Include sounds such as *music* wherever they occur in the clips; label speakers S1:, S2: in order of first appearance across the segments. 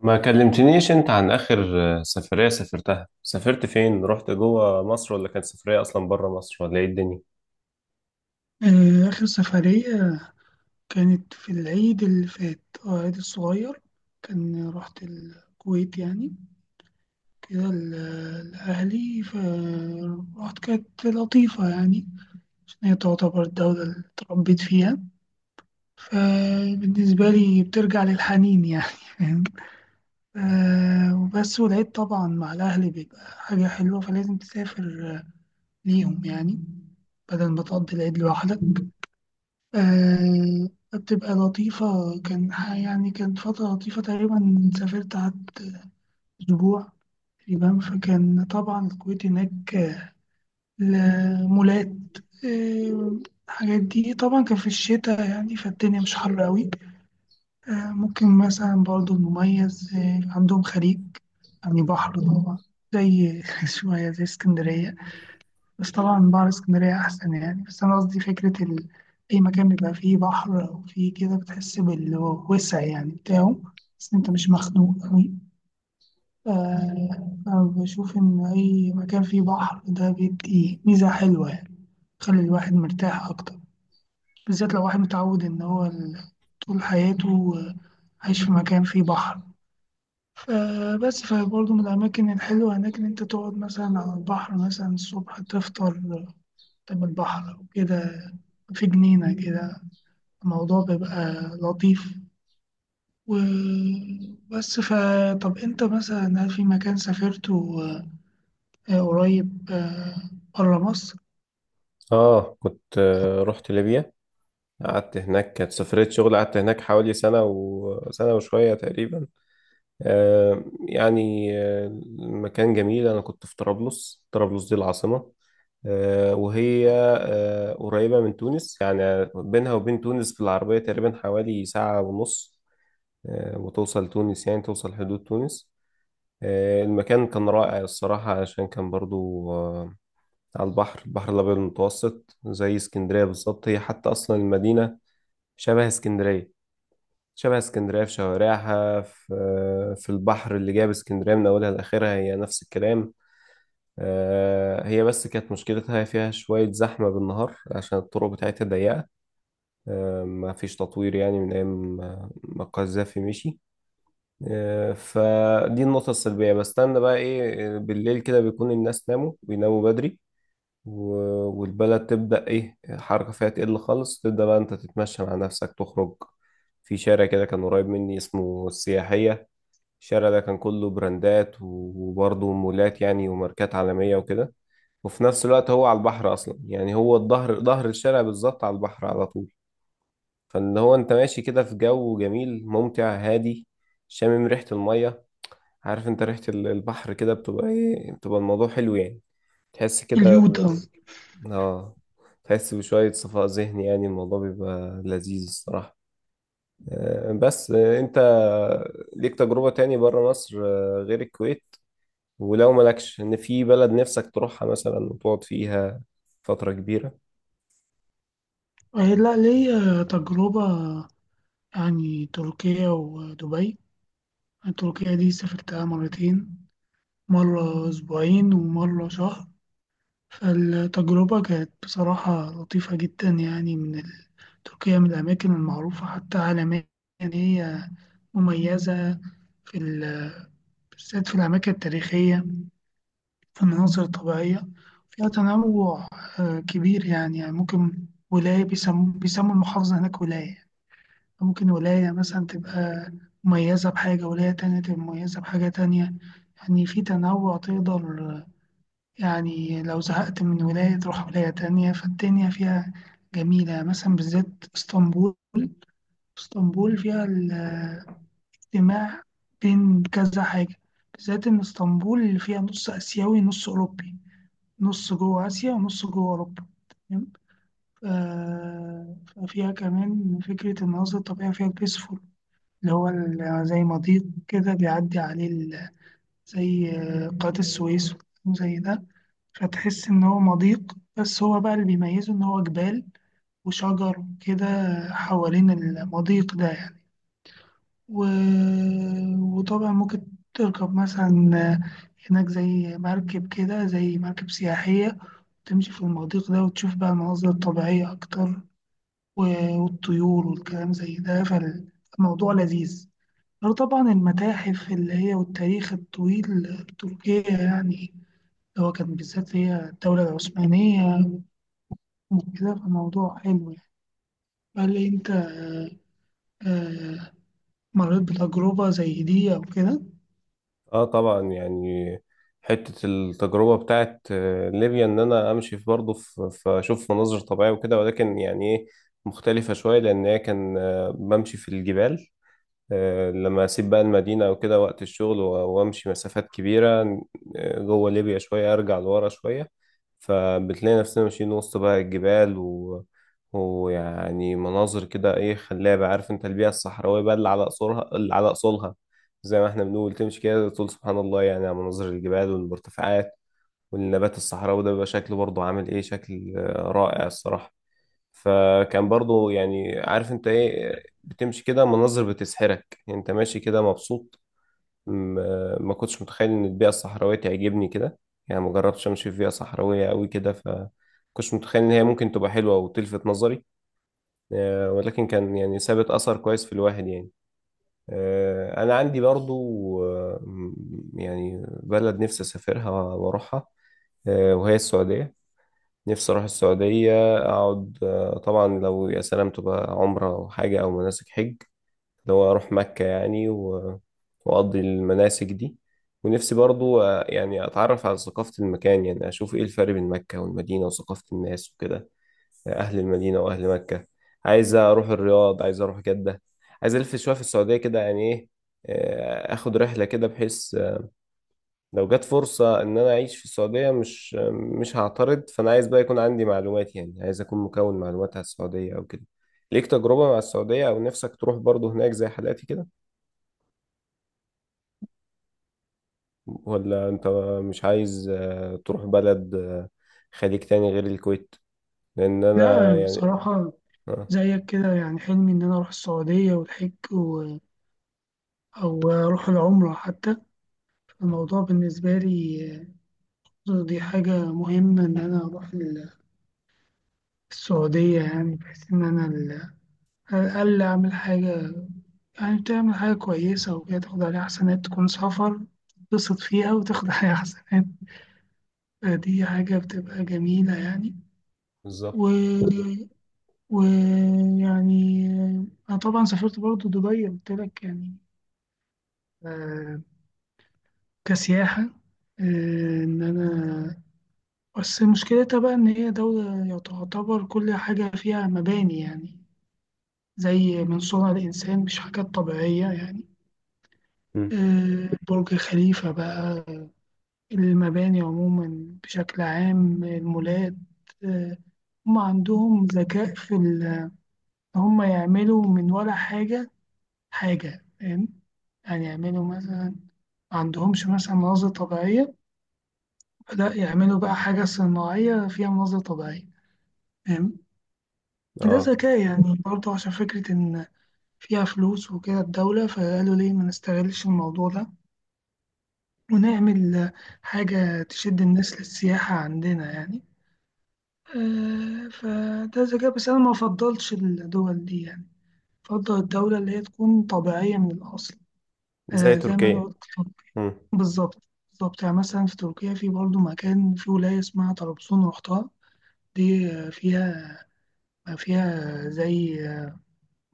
S1: ما كلمتنيش انت عن اخر سفرية سافرتها. سافرت فين؟ رحت جوه مصر ولا كانت سفرية اصلا بره مصر، ولا ايه الدنيا؟
S2: آه، آخر سفرية كانت في العيد اللي فات. آه، العيد الصغير. كان رحت الكويت يعني كده لأهلي فرحت، كانت لطيفة يعني عشان هي تعتبر الدولة اللي اتربيت فيها، فبالنسبة لي بترجع للحنين يعني *laughs* فاهم. آه، وبس، والعيد طبعا مع الأهل بيبقى حاجة حلوة فلازم تسافر آه، ليهم يعني، بدل ما تقضي العيد لوحدك. آه، بتبقى لطيفة. يعني كانت فترة لطيفة تقريبا، سافرت قعدت أسبوع في اليابان، فكان طبعا الكويت هناك آه، المولات آه، الحاجات دي، طبعا كان في الشتاء يعني فالدنيا مش حر قوي. آه، ممكن مثلا برضو المميز آه، عندهم خليج يعني بحر طبعا، زي *laughs* شوية زي اسكندرية. بس طبعا بحر اسكندرية أحسن يعني، بس أنا قصدي فكرة أي مكان بيبقى فيه بحر أو فيه كده بتحس بالوسع يعني بتاعه، بس أنت مش مخنوق أوي. ف- أنا بشوف إن أي مكان فيه بحر ده بيدي ميزة حلوة يعني، بيخلي الواحد مرتاح أكتر، بالذات لو واحد متعود إن هو طول حياته عايش في مكان فيه بحر. فبس، فبرضه من الأماكن الحلوة هناك إن أنت تقعد مثلا على البحر، مثلا الصبح تفطر قدام البحر أو كده، في جنينة كده، الموضوع بيبقى لطيف. وبس، فطب أنت مثلا هل في مكان سافرته آه، قريب آه، برا مصر؟
S1: اه، كنت رحت ليبيا. قعدت هناك، كانت سفرية شغل. قعدت هناك حوالي سنة وسنة وشوية تقريبا. يعني المكان جميل. انا كنت في طرابلس. طرابلس دي العاصمة، وهي قريبة من تونس. يعني بينها وبين تونس في العربية تقريبا حوالي ساعة ونص، وتوصل تونس، يعني توصل حدود تونس. المكان كان رائع الصراحة، علشان كان برضو على البحر، البحر الأبيض المتوسط، زي اسكندرية بالظبط. هي حتى أصلا المدينة شبه اسكندرية. شبه اسكندرية في شوارعها، في البحر اللي جاب اسكندرية من أولها لآخرها، هي نفس الكلام. هي بس كانت مشكلتها فيها شوية زحمة بالنهار، عشان الطرق بتاعتها ضيقة. ما فيش تطوير يعني من أيام ما القذافي مشي. فدي النقطة السلبية. بستنى بقى ايه؟ بالليل كده بيكون الناس ناموا، بيناموا بدري، و- والبلد تبدأ ايه، الحركة فيها تقل خالص. تبدأ بقى انت تتمشى مع نفسك، تخرج في شارع كده كان قريب مني، اسمه السياحية. الشارع ده كان كله براندات وبرضه مولات يعني، وماركات عالمية وكده. وفي نفس الوقت هو على البحر أصلا، يعني هو ظهر الشارع بالظبط على البحر على طول. فاللي هو انت ماشي كده في جو جميل ممتع هادي، شامم ريحة المية. عارف انت ريحة البحر كده بتبقى ايه؟ بتبقى الموضوع حلو يعني، تحس كده.
S2: اليوتا.
S1: اه، تحس بشوية صفاء ذهني. يعني الموضوع بيبقى لذيذ الصراحة. بس انت ليك تجربة تاني بره مصر غير الكويت؟ ولو مالكش، ان في بلد نفسك تروحها مثلا وتقعد فيها فترة كبيرة؟
S2: آه، لا ليا تجربة يعني، تركيا ودبي. تركيا دي سافرتها مرتين، مرة أسبوعين ومرة شهر، فالتجربة كانت بصراحة لطيفة جدا يعني. من تركيا من الأماكن المعروفة حتى عالميا إن هي مميزة في بالذات في الأماكن التاريخية، في المناظر الطبيعية، فيها تنوع آه، كبير يعني، يعني ممكن ولاية، بيسموا المحافظة هناك ولاية، ممكن ولاية مثلا تبقى مميزة بحاجة، ولاية تانية تبقى مميزة بحاجة تانية، يعني في تنوع تقدر، يعني لو زهقت من ولاية تروح ولاية تانية، فالدنيا فيها جميلة. مثلا بالذات اسطنبول، اسطنبول فيها الاجتماع بين كذا حاجة، بالذات إن اسطنبول اللي فيها نص آسيوي نص أوروبي، نص جوه آسيا ونص جوه أوروبا، تمام؟ ف- ففيها كمان فكرة المناظر الطبيعية، فيها البيسفول، اللي هو زي مضيق كده بيعدي عليه زي آه، قناة السويس وزي ده، فتحس إن هو مضيق، بس هو بقى اللي بيميزه إن هو جبال وشجر كده حوالين المضيق ده يعني. و... وطبعا ممكن تركب مثلا هناك زي مركب كده، زي مركب سياحية، تمشي في المضيق ده وتشوف بقى المناظر الطبيعية أكتر، والطيور والكلام زي ده، فالموضوع لذيذ. غير طبعا المتاحف اللي هي والتاريخ الطويل التركية يعني، اللي هو كان بالذات هي الدولة العثمانية وكده، فالموضوع حلو يعني. هل أنت آه، آه، مريت بتجربة زي دي أو كده؟
S1: اه طبعا. يعني حتة التجربة بتاعت ليبيا، ان انا امشي في برضه اشوف مناظر طبيعية وكده، ولكن يعني ايه، مختلفة شوية، لان هي كان بمشي في الجبال. لما اسيب بقى المدينه او كده وقت الشغل، و- وامشي مسافات كبيره جوه ليبيا شويه، ارجع لورا شويه. فبتلاقي نفسنا ماشيين وسط بقى الجبال ويعني مناظر كده ايه، خلابه. عارف انت البيئه الصحراويه بقى، اللي على اصولها اللي على اصولها، زي ما احنا بنقول، تمشي كده تقول سبحان الله يعني، على مناظر الجبال والمرتفعات والنبات الصحراوي. ده بيبقى شكله برضه عامل ايه، شكل رائع الصراحه. فكان برضو يعني، عارف انت ايه، بتمشي كده مناظر بتسحرك يعني، انت ماشي كده مبسوط. ما كنتش متخيل ان البيئة الصحراوية تعجبني كده. يعني ما جربتش امشي في بيئة صحراوية قوي كده، ف كنتش متخيل ان هي ممكن تبقى حلوة وتلفت نظري. ولكن كان يعني سابت اثر كويس في الواحد يعني. انا عندي برضو يعني بلد نفسي اسافرها واروحها، وهي السعودية. نفسي أروح السعودية أقعد. طبعا لو يا سلام تبقى عمرة أو حاجة، أو مناسك حج، اللي هو أروح مكة يعني، و- وأقضي المناسك دي. ونفسي برضو يعني أتعرف على ثقافة المكان، يعني أشوف إيه الفرق بين مكة والمدينة وثقافة الناس وكده، أهل المدينة وأهل مكة. عايز أروح الرياض، عايز أروح جدة، عايز ألف شوية في السعودية كده. يعني إيه، آخد رحلة كده، بحيث لو جت فرصة إن أنا أعيش في السعودية، مش هعترض. فأنا عايز بقى يكون عندي معلومات، يعني عايز أكون مكون معلومات على السعودية أو كده. ليك تجربة مع السعودية، أو نفسك تروح برضه هناك زي حالاتي كده؟ ولا أنت مش عايز تروح بلد خليج تاني غير الكويت؟ لأن
S2: لا
S1: أنا يعني.
S2: بصراحة
S1: آه.
S2: زيك كده، يعني حلمي إن أنا أروح السعودية والحج و... أو أروح العمرة حتى. الموضوع بالنسبة لي دي حاجة مهمة، إن أنا أروح السعودية يعني، بحيث إن أنا على الأقل أعمل حاجة، يعني تعمل حاجة كويسة وكده، تاخد عليها حسنات، تكون سفر تتبسط فيها وتاخد عليها حسنات، دي حاجة بتبقى جميلة يعني. و...
S1: بالظبط.
S2: ويعني أنا طبعا سافرت برضو دبي قلت لك يعني، آه، كسياحة، آه، إن أنا، بس مشكلتها بقى إن هي دولة تعتبر كل حاجة فيها مباني يعني، زي من صنع الإنسان، مش حاجات طبيعية يعني.
S1: مم.
S2: آه، برج خليفة بقى، المباني عموما بشكل عام، المولات، آه، هم عندهم ذكاء في إن هم يعملوا من ولا حاجة، حاجة، فاهم؟ يعني يعملوا مثلا، ما عندهمش مثلا مناظر طبيعية، لا يعملوا بقى حاجة صناعية فيها مناظر طبيعية، فاهم. ده
S1: آه.
S2: ذكاء يعني برضه، عشان فكرة إن فيها فلوس وكده الدولة، فقالوا ليه ما نستغلش الموضوع ده ونعمل حاجة تشد الناس للسياحة عندنا يعني. آه، فده ذكاء، بس أنا ما أفضلش الدول دي يعني، أفضل الدولة اللي هي تكون طبيعية من الأصل،
S1: زي
S2: آه، زي ما أنا
S1: تركيا.
S2: قلت.
S1: مم.
S2: بالظبط، بالظبط، يعني مثلا في تركيا في برضه مكان في ولاية اسمها طرابزون رحتها، دي آه، فيها، فيها زي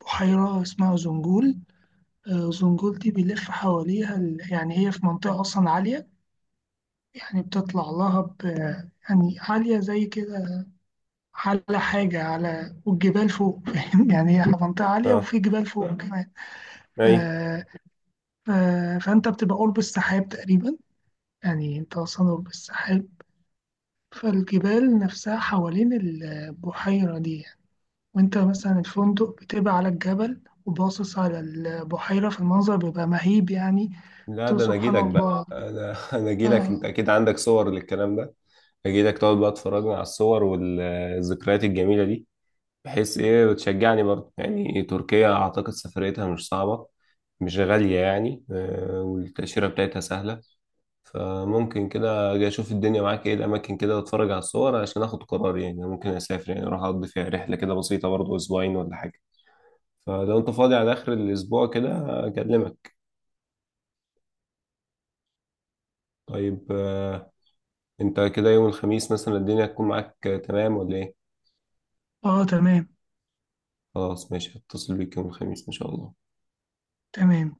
S2: بحيرة اسمها زنجول. آه، زنجول دي بيلف حواليها يعني هي في منطقة أصلا عالية، يعني بتطلع لها ب، يعني عالية زي كده، على حاجة على، والجبال فوق *laughs* فاهم يعني، هي منطقة عالية
S1: آه.
S2: وفي جبال فوق كمان.
S1: أيوه.
S2: آه، آه، فأنت بتبقى قرب السحاب تقريبا، يعني أنت أصلا قرب السحاب، فالجبال نفسها حوالين البحيرة دي، وانت مثلا الفندق بتبقى على الجبل وباصص على البحيرة، في المنظر بيبقى مهيب يعني،
S1: لا،
S2: تقول
S1: ده انا
S2: سبحان
S1: اجيلك بقى،
S2: الله.
S1: انا *laughs* انا اجيلك، انت
S2: اه،
S1: اكيد عندك صور للكلام ده. اجيلك تقعد بقى تفرجنا على الصور والذكريات الجميله دي، بحيث ايه، وتشجعني برضه. يعني تركيا اعتقد سفريتها مش صعبه، مش غاليه يعني، والتاشيره بتاعتها سهله. فممكن كده اجي اشوف الدنيا معاك، ايه الاماكن كده، واتفرج على الصور عشان اخد قرار. يعني ممكن اسافر، يعني اروح اقضي فيها رحله كده بسيطه برضه، اسبوعين ولا حاجه. فلو انت فاضي على اخر الاسبوع كده، اكلمك. طيب انت كده يوم الخميس مثلا الدنيا هتكون معاك تمام ولا ايه؟
S2: اه تمام،
S1: خلاص ماشي، هتصل بيك يوم الخميس ان شاء الله.
S2: تمام.